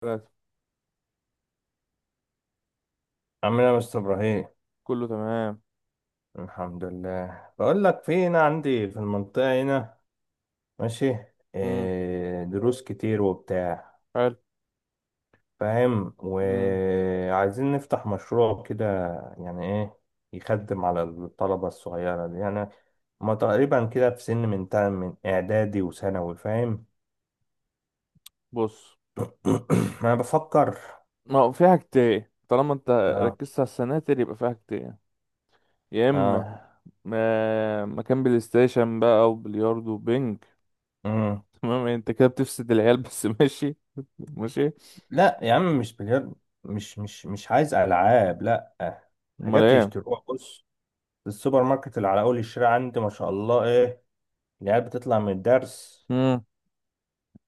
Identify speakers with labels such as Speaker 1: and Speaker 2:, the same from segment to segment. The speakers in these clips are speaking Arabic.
Speaker 1: ثلاثة.
Speaker 2: عامل ايه يا مستر ابراهيم؟
Speaker 1: كله تمام.
Speaker 2: الحمد لله، بقول لك في هنا عندي في المنطقه هنا. ماشي.
Speaker 1: امم
Speaker 2: إيه دروس كتير وبتاع،
Speaker 1: حلو.
Speaker 2: فاهم،
Speaker 1: امم
Speaker 2: وعايزين نفتح مشروع كده، يعني ايه، يخدم على الطلبه الصغيره دي يعني. هما تقريبا كده في سن من من اعدادي وثانوي، فاهم؟
Speaker 1: بص،
Speaker 2: انا بفكر.
Speaker 1: ما هو في حاجتين طالما انت
Speaker 2: اه.
Speaker 1: ركزت على السناتر، يبقى في حاجتين. يا
Speaker 2: اه.
Speaker 1: اما مكان بلاي ستيشن بقى، او بلياردو وبينج
Speaker 2: مم.
Speaker 1: تمام، انت كده بتفسد العيال بس ماشي، ماشي.
Speaker 2: لا يا عم مش بلياردو، مش عايز العاب، لا.
Speaker 1: امال
Speaker 2: حاجات
Speaker 1: ايه؟
Speaker 2: يشتروها، بص، السوبر ماركت اللي على اول الشارع عندي، ما شاء الله، ايه، العيال بتطلع من الدرس،
Speaker 1: امم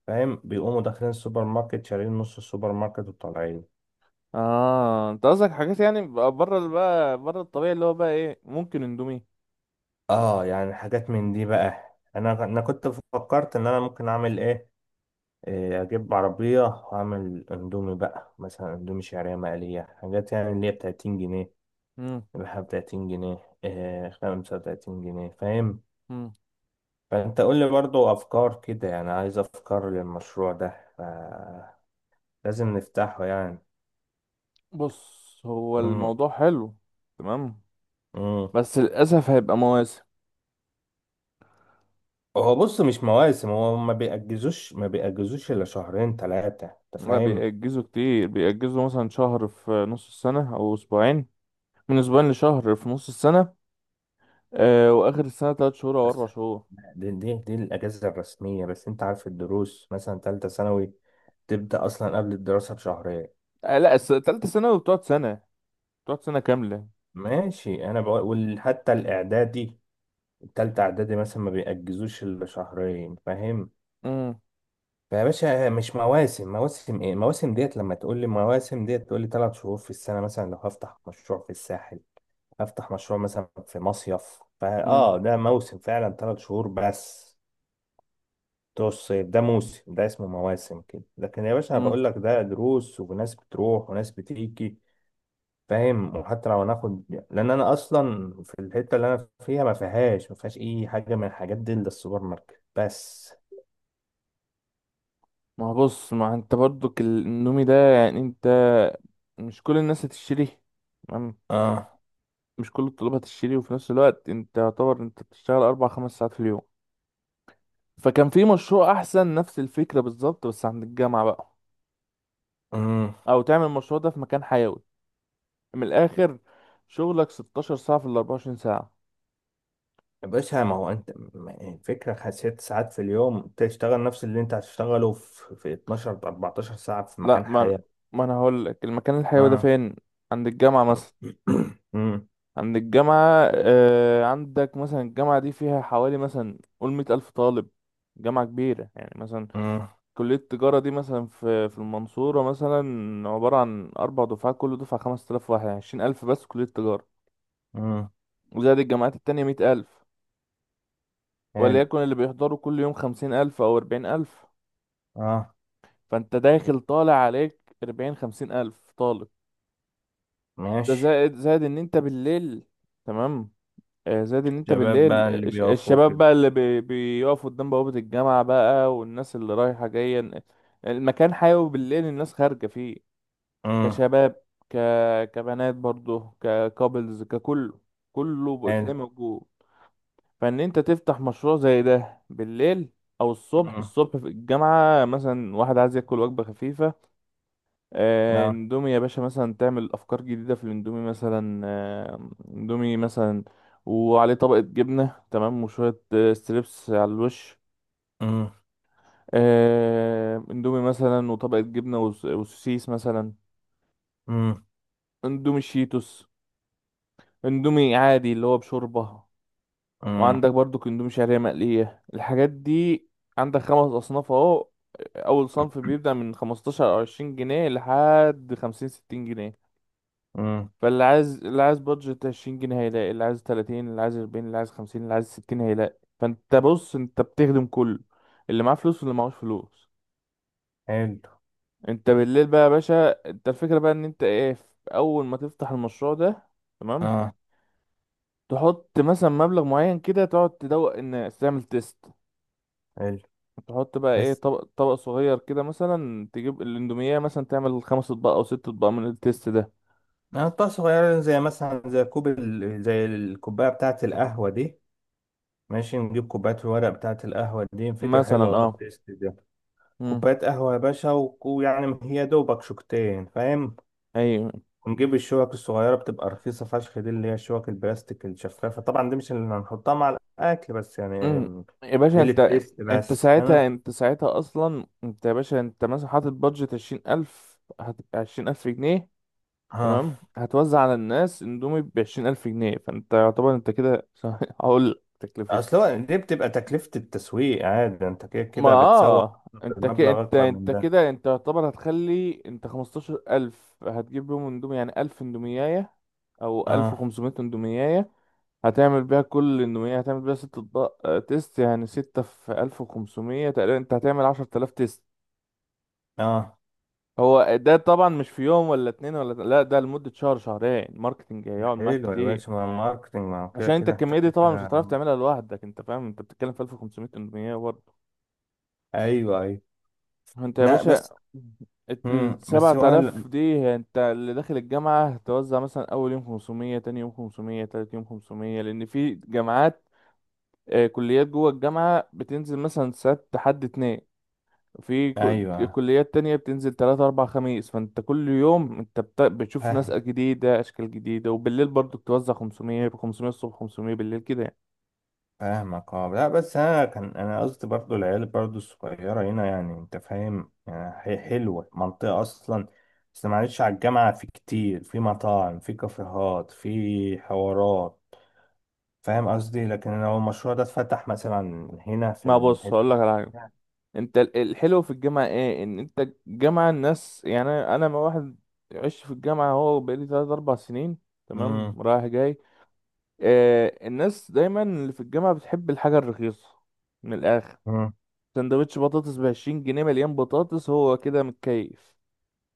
Speaker 2: فاهم، بيقوموا داخلين السوبر ماركت شارين نص السوبر ماركت وطالعين.
Speaker 1: اه، انت قصدك حاجات يعني بقى بره الطبيعي اللي هو بقى ايه، ممكن اندومي.
Speaker 2: اه يعني حاجات من دي بقى. انا كنت فكرت ان انا ممكن اعمل ايه، إيه، اجيب عربية واعمل اندومي بقى، مثلا اندومي شعرية مقلية، حاجات يعني اللي هي ب 30 جنيه،
Speaker 1: امم
Speaker 2: بحب 30 جنيه، إيه 35 جنيه، فاهم.
Speaker 1: امم
Speaker 2: فانت قول لي برضو افكار كده، يعني عايز افكار للمشروع ده. ف- لازم نفتحه يعني.
Speaker 1: بص، هو
Speaker 2: مم.
Speaker 1: الموضوع حلو. تمام.
Speaker 2: مم.
Speaker 1: بس للاسف هيبقى مواسم.
Speaker 2: هو بص مش مواسم، هو ما بيأجزوش إلا شهرين 3، أنت
Speaker 1: لا،
Speaker 2: فاهم.
Speaker 1: بيأجزوا كتير، بيأجزوا مثلا شهر في نص السنة أو أسبوعين، من أسبوعين لشهر في نص السنة. آه، وآخر السنة 3 شهور أو
Speaker 2: بس
Speaker 1: 4 شهور.
Speaker 2: دي الأجازة الرسمية، بس أنت عارف الدروس مثلا تالتة ثانوي تبدأ أصلا قبل الدراسة بشهرين.
Speaker 1: آه لا، تالتة ثانوي بتقعد سنة، بتقعد سنة كاملة.
Speaker 2: ماشي، أنا بقول حتى الإعدادي، التالتة إعدادي مثلا ما بيأجزوش إلا شهرين، فاهم.
Speaker 1: مم.
Speaker 2: يا باشا مش مواسم، مواسم ايه؟ مواسم ديت لما تقول لي مواسم ديت تقول لي 3 شهور في السنة. مثلا لو هفتح مشروع في الساحل، هفتح مشروع مثلا في مصيف، فا
Speaker 1: مم.
Speaker 2: اه ده موسم فعلا، 3 شهور بس بتوع الصيف، ده موسم، ده اسمه مواسم كده. لكن يا باشا انا
Speaker 1: مم.
Speaker 2: بقول لك ده دروس، وناس بتروح وناس بتيجي، فاهم. وحتى لو هناخد، لان انا اصلا في الحتة اللي انا فيها ما فيهاش اي حاجة من الحاجات دي الا السوبر ماركت بس.
Speaker 1: ما هو بص، ما أنت برضك النومي ده، يعني أنت مش كل الناس هتشتري، تمام؟
Speaker 2: اه.
Speaker 1: مش كل الطلاب هتشتري، وفي نفس الوقت أنت يعتبر أنت بتشتغل أربع خمس ساعات في اليوم. فكان في مشروع أحسن، نفس الفكرة بالظبط بس عند الجامعة بقى،
Speaker 2: امم.
Speaker 1: أو تعمل المشروع ده في مكان حيوي. من الاخر، شغلك 16 ساعة في ال 24 ساعة.
Speaker 2: بس ما هو انت يعني الفكرة 6 ساعات في اليوم تشتغل نفس اللي انت هتشتغله في 12 14 ساعة في
Speaker 1: لا
Speaker 2: مكان
Speaker 1: ما أنا-
Speaker 2: حياة.
Speaker 1: ما انا هقول لك المكان الحيوي ده
Speaker 2: اه.
Speaker 1: فين. عند الجامعة مثلا.
Speaker 2: امم.
Speaker 1: عند الجامعة، آه عندك مثلا الجامعة دي فيها حوالي، مثلا قول، 100 ألف طالب. جامعة كبيرة يعني مثلا.
Speaker 2: امم.
Speaker 1: كلية التجارة دي مثلا في المنصورة، مثلا عبارة عن 4 دفعات، كل دفعة 5 آلاف واحد، يعني 20 ألف بس كلية التجارة.
Speaker 2: امم.
Speaker 1: وزائد الجامعات التانية 100 ألف.
Speaker 2: حلو.
Speaker 1: وليكن اللي بيحضروا كل يوم 50 ألف أو 40 ألف.
Speaker 2: اه.
Speaker 1: فانت داخل طالع عليك 40 50 الف طالب. ده
Speaker 2: ماشي.
Speaker 1: زائد، زائد ان انت بالليل، تمام. آه، زائد ان انت
Speaker 2: شباب
Speaker 1: بالليل
Speaker 2: بقى اللي بيقفوا
Speaker 1: الشباب
Speaker 2: كده.
Speaker 1: بقى اللي بيقفوا قدام بوابة الجامعة بقى، والناس اللي رايحة جاية. المكان حيوي بالليل، الناس خارجة فيه.
Speaker 2: امم.
Speaker 1: كشباب، ك... كبنات برضه، ككابلز، ككله، كله بتلاقيه
Speaker 2: حلو.
Speaker 1: موجود. فان انت تفتح مشروع زي ده بالليل، او الصبح.
Speaker 2: امم.
Speaker 1: الصبح في الجامعة مثلا، واحد عايز ياكل وجبة خفيفة. آه،
Speaker 2: لا.
Speaker 1: اندومي يا باشا، مثلا تعمل افكار جديده في الاندومي مثلا، آه اندومي مثلا وعليه طبقه جبنه، تمام، وشويه آه ستريبس على الوش.
Speaker 2: امم.
Speaker 1: آه، اندومي مثلا وطبقه جبنه وسوسيس مثلا.
Speaker 2: امم.
Speaker 1: اندومي شيتوس، اندومي عادي اللي هو بشوربه.
Speaker 2: امم.
Speaker 1: وعندك برضو اندومي شعريه مقليه، الحاجات دي. عندك خمس اصناف اهو. اول صنف بيبدأ من 15 او 20 جنيه لحد 50 60 جنيه.
Speaker 2: امم.
Speaker 1: فاللي عايز بادجت 20 جنيه هيلاقي، اللي عايز 30، اللي عايز 40، اللي عايز 50، اللي عايز 60 هيلاقي. فانت بص، انت بتخدم كله، اللي معاه فلوس واللي معهوش فلوس.
Speaker 2: حلو.
Speaker 1: انت بالليل بقى يا باشا، انت الفكرة بقى ان انت ايه، في اول ما تفتح المشروع ده، تمام.
Speaker 2: اه.
Speaker 1: تحط مثلا مبلغ معين كده، تقعد تدوق الناس، تعمل تيست.
Speaker 2: حلو،
Speaker 1: تحط بقى ايه،
Speaker 2: بس
Speaker 1: طبق طبق صغير كده مثلا، تجيب الاندومية مثلا، تعمل خمس اطباق او ست اطباق من التيست ده،
Speaker 2: نقطة صغيرة، زي مثلا زي كوب زي الكوباية بتاعة القهوة دي. ماشي، نجيب كوبايات الورق بتاعة القهوة دي، فكرة حلوة
Speaker 1: مثلا.
Speaker 2: والله
Speaker 1: اه.
Speaker 2: التيست دي.
Speaker 1: مم.
Speaker 2: كوباية قهوة يا باشا، ويعني هي دوبك شوكتين، فاهم،
Speaker 1: ايوه.
Speaker 2: ونجيب الشوك الصغيرة بتبقى رخيصة فشخ، دي اللي هي الشوك البلاستيك الشفافة طبعا. دي مش اللي هنحطها مع الأكل بس يعني،
Speaker 1: امم يا باشا،
Speaker 2: دي
Speaker 1: انت
Speaker 2: للتيست
Speaker 1: انت
Speaker 2: بس يعني.
Speaker 1: ساعتها انت ساعتها اصلا، انت يا باشا انت مثلا حاطط بادجت 20 ألف، 20 ألف جنيه،
Speaker 2: ها.
Speaker 1: تمام. هتوزع على الناس اندومي ب 20 ألف جنيه، فانت يعتبر انت كده هقول لك تكلفة.
Speaker 2: أصل هو دي بتبقى تكلفة التسويق، عادي، أنت كده
Speaker 1: ما
Speaker 2: كده بتسوق
Speaker 1: اه، انت كده
Speaker 2: بمبلغ
Speaker 1: انت
Speaker 2: أكبر من
Speaker 1: انت
Speaker 2: ده.
Speaker 1: كده انت يعتبر هتخلي، انت 15 ألف هتجيب بيهم اندومي، يعني الف اندومياية، او الف
Speaker 2: اه.
Speaker 1: وخمسمية اندومياية، هتعمل بيها كل انه ايه هتعمل بيها ست اطباق آه تيست، يعني ستة في 1500 تقريبا، انت هتعمل 10 تلاف تيست.
Speaker 2: اه.
Speaker 1: هو ده طبعا مش في يوم ولا اتنين لا، ده لمدة شهر شهرين، ماركتنج هيقعد معاك
Speaker 2: حلو يا
Speaker 1: كتير.
Speaker 2: باشا، ما ماركتنج ما هو كده
Speaker 1: عشان انت
Speaker 2: كده أنت
Speaker 1: الكمية دي
Speaker 2: كده
Speaker 1: طبعا مش هتعرف
Speaker 2: كده.
Speaker 1: تعملها لوحدك، انت فاهم، انت بتتكلم في 1500 800 برضه.
Speaker 2: ايوه ايوه.
Speaker 1: انت يا
Speaker 2: لا بس،
Speaker 1: باشا،
Speaker 2: امم، بس
Speaker 1: السبعة
Speaker 2: هو ال...
Speaker 1: آلاف دي انت اللي داخل الجامعة هتوزع مثلا أول يوم 500، تاني يوم 500، تالت يوم 500، لأن في جامعات آه كليات جوه الجامعة بتنزل مثلا سبت حد اتنين. في
Speaker 2: ايوه.
Speaker 1: كليات تانية بتنزل تلاتة أربع خميس. فأنت كل يوم أنت بتشوف ناس
Speaker 2: فاهم.
Speaker 1: جديدة، أشكال جديدة. وبالليل برضو بتوزع 500، 500 الصبح، 500 بالليل كده يعني.
Speaker 2: فاهمك. اه لا بس انا كان انا قصدي برضو العيال برضو الصغيره هنا يعني، انت فاهم، يعني هي حلوه منطقه اصلا، بس معلش على الجامعه في كتير، في مطاعم، في كافيهات، في حوارات، فاهم قصدي، لكن لو المشروع ده اتفتح مثلا هنا في
Speaker 1: ما بص،
Speaker 2: الحته.
Speaker 1: هقول لك على حاجة. أنت الحلو في الجامعة إيه، إن أنت الجامعة الناس، يعني أنا ما واحد عشت في الجامعة، هو بقالي تلات أربع سنين، تمام،
Speaker 2: امم.
Speaker 1: رايح جاي. آه الناس دايما اللي في الجامعة بتحب الحاجة الرخيصة، من الآخر.
Speaker 2: امم.
Speaker 1: سندوتش بطاطس ب 20 جنيه مليان بطاطس، هو كده متكيف.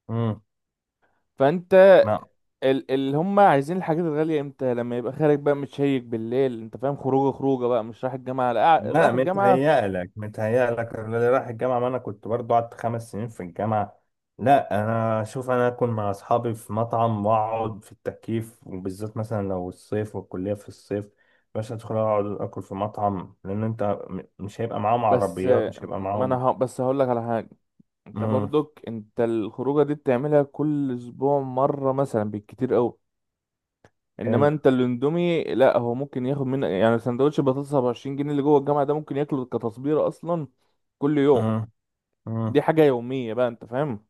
Speaker 2: امم.
Speaker 1: فأنت، اللي هم عايزين الحاجات الغالية امتى؟ لما يبقى خارج بقى متشيك بالليل، انت فاهم، خروجه، خروجه بقى مش رايح الجامعة لا،
Speaker 2: لا
Speaker 1: رايح الجامعة.
Speaker 2: متهيألك، متهيألك اللي رايح الجامعة، ما أنا كنت برضو قعدت 5 سنين في الجامعة. لا أنا أشوف أنا أكون مع أصحابي في مطعم وأقعد في التكييف، وبالذات مثلا لو الصيف والكلية في الصيف، باش أدخل أقعد أكل في مطعم، لأن أنت مش هيبقى معاهم
Speaker 1: بس
Speaker 2: عربيات، مش
Speaker 1: آه،
Speaker 2: هيبقى
Speaker 1: ما انا
Speaker 2: معاهم.
Speaker 1: بس هقول لك على حاجة. انت
Speaker 2: مم.
Speaker 1: برضك انت الخروجه دي بتعملها كل اسبوع مرة مثلا بالكتير قوي. انما
Speaker 2: حلو.
Speaker 1: انت الاندومي لا، هو ممكن ياخد منك، يعني سندوتش بطاطس ب 20 جنيه اللي جوه الجامعة ده ممكن ياكله كتصبيرة اصلا كل يوم.
Speaker 2: مم.
Speaker 1: دي
Speaker 2: مم.
Speaker 1: حاجة يومية بقى، انت فاهم.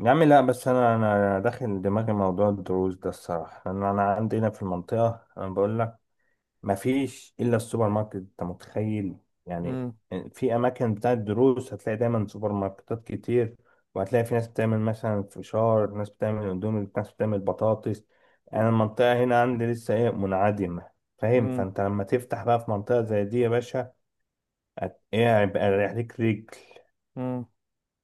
Speaker 2: يا عم لا بس أنا أنا داخل دماغي موضوع الدروس ده الصراحة، لأن أنا عندي هنا في المنطقة أنا بقول ما فيش الا السوبر ماركت، انت متخيل يعني.
Speaker 1: مم.
Speaker 2: في اماكن بتاعت دروس هتلاقي دايما سوبر ماركتات كتير، وهتلاقي في ناس بتعمل مثلا فشار، ناس بتعمل اندومي، ناس بتعمل بطاطس. انا المنطقه هنا عندي لسه ايه منعدمه، فاهم.
Speaker 1: مم.
Speaker 2: فانت لما تفتح بقى في منطقه زي دي يا باشا، ايه هيبقى رايح ليك رجل،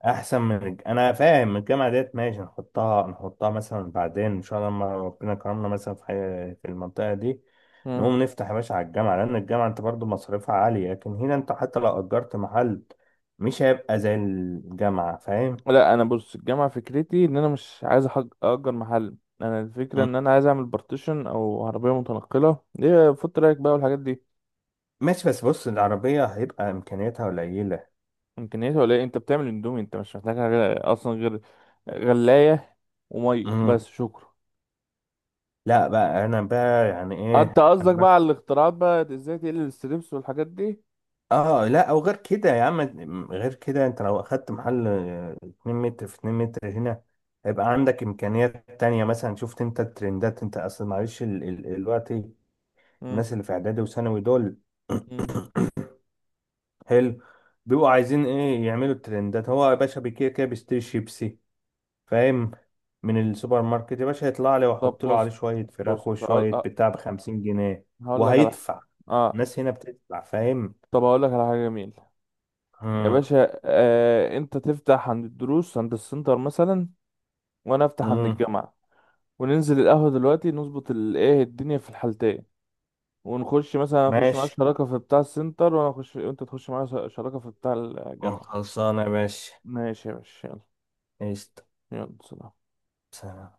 Speaker 2: احسن من انا فاهم الجامعه ديت، ماشي، نحطها نحطها مثلا بعدين ان شاء الله لما ربنا كرمنا. مثلا في في المنطقه دي
Speaker 1: مم.
Speaker 2: نقوم نفتح، يا باشا على الجامعه لان الجامعه انت برضو مصاريفها عاليه، لكن هنا انت حتى لو اجرت محل مش هيبقى زي الجامعه، فاهم.
Speaker 1: لا انا بص، الجامعه فكرتي ان انا مش عايز اجر محل. انا الفكره
Speaker 2: مم.
Speaker 1: ان انا عايز اعمل بارتيشن او عربيه متنقله، ايه فوت رايك بقى والحاجات دي.
Speaker 2: ماشي، بس بص العربيه هيبقى امكانياتها قليله.
Speaker 1: امكانياتها ولا ايه؟ انت بتعمل اندومي، انت مش محتاج حاجه اصلا غير غلايه وميه،
Speaker 2: مم.
Speaker 1: بس. شكرا.
Speaker 2: لا بقى انا بقى يعني
Speaker 1: آه،
Speaker 2: ايه،
Speaker 1: انت قصدك بقى على الاختراعات، بقى ازاي تقلل الستريبس والحاجات دي.
Speaker 2: اه لا، او غير كده يا عم، غير كده انت لو اخدت محل، آه، 2 متر في 2 متر هنا، هيبقى عندك امكانيات تانية. مثلا شفت انت الترندات، انت اصل معلش الوقت،
Speaker 1: مم.
Speaker 2: الناس اللي في اعدادي وثانوي دول،
Speaker 1: مم.
Speaker 2: حلو، بيبقوا عايزين ايه، يعملوا الترندات. هو يا باشا بكده كده بيشتري شيبسي، فاهم، من السوبر ماركت يا باشا، يطلع لي
Speaker 1: طب
Speaker 2: واحط له عليه
Speaker 1: بص.
Speaker 2: شوية فراخ
Speaker 1: بص هقول
Speaker 2: وشوية
Speaker 1: آه،
Speaker 2: بتاع ب 50 جنيه،
Speaker 1: هقول لك على
Speaker 2: وهيدفع،
Speaker 1: اه
Speaker 2: الناس هنا بتدفع، فاهم.
Speaker 1: طب هقول لك على حاجه جميله. يا
Speaker 2: امم.
Speaker 1: باشا، آه انت تفتح عند الدروس عند السنتر مثلا، وانا افتح عن
Speaker 2: امم.
Speaker 1: الجامعة، وننزل القهوة دلوقتي نظبط الايه الدنيا في الحالتين. ونخش مثلا، اخش معاك
Speaker 2: ماشي،
Speaker 1: شراكة في بتاع السنتر، وانا اخش وانت تخش معايا شراكة في بتاع الجامعة.
Speaker 2: خلصانة يا باشا.
Speaker 1: ماشي يا باشا، يلا.
Speaker 2: قشطة.
Speaker 1: يلا سلام.
Speaker 2: سلام.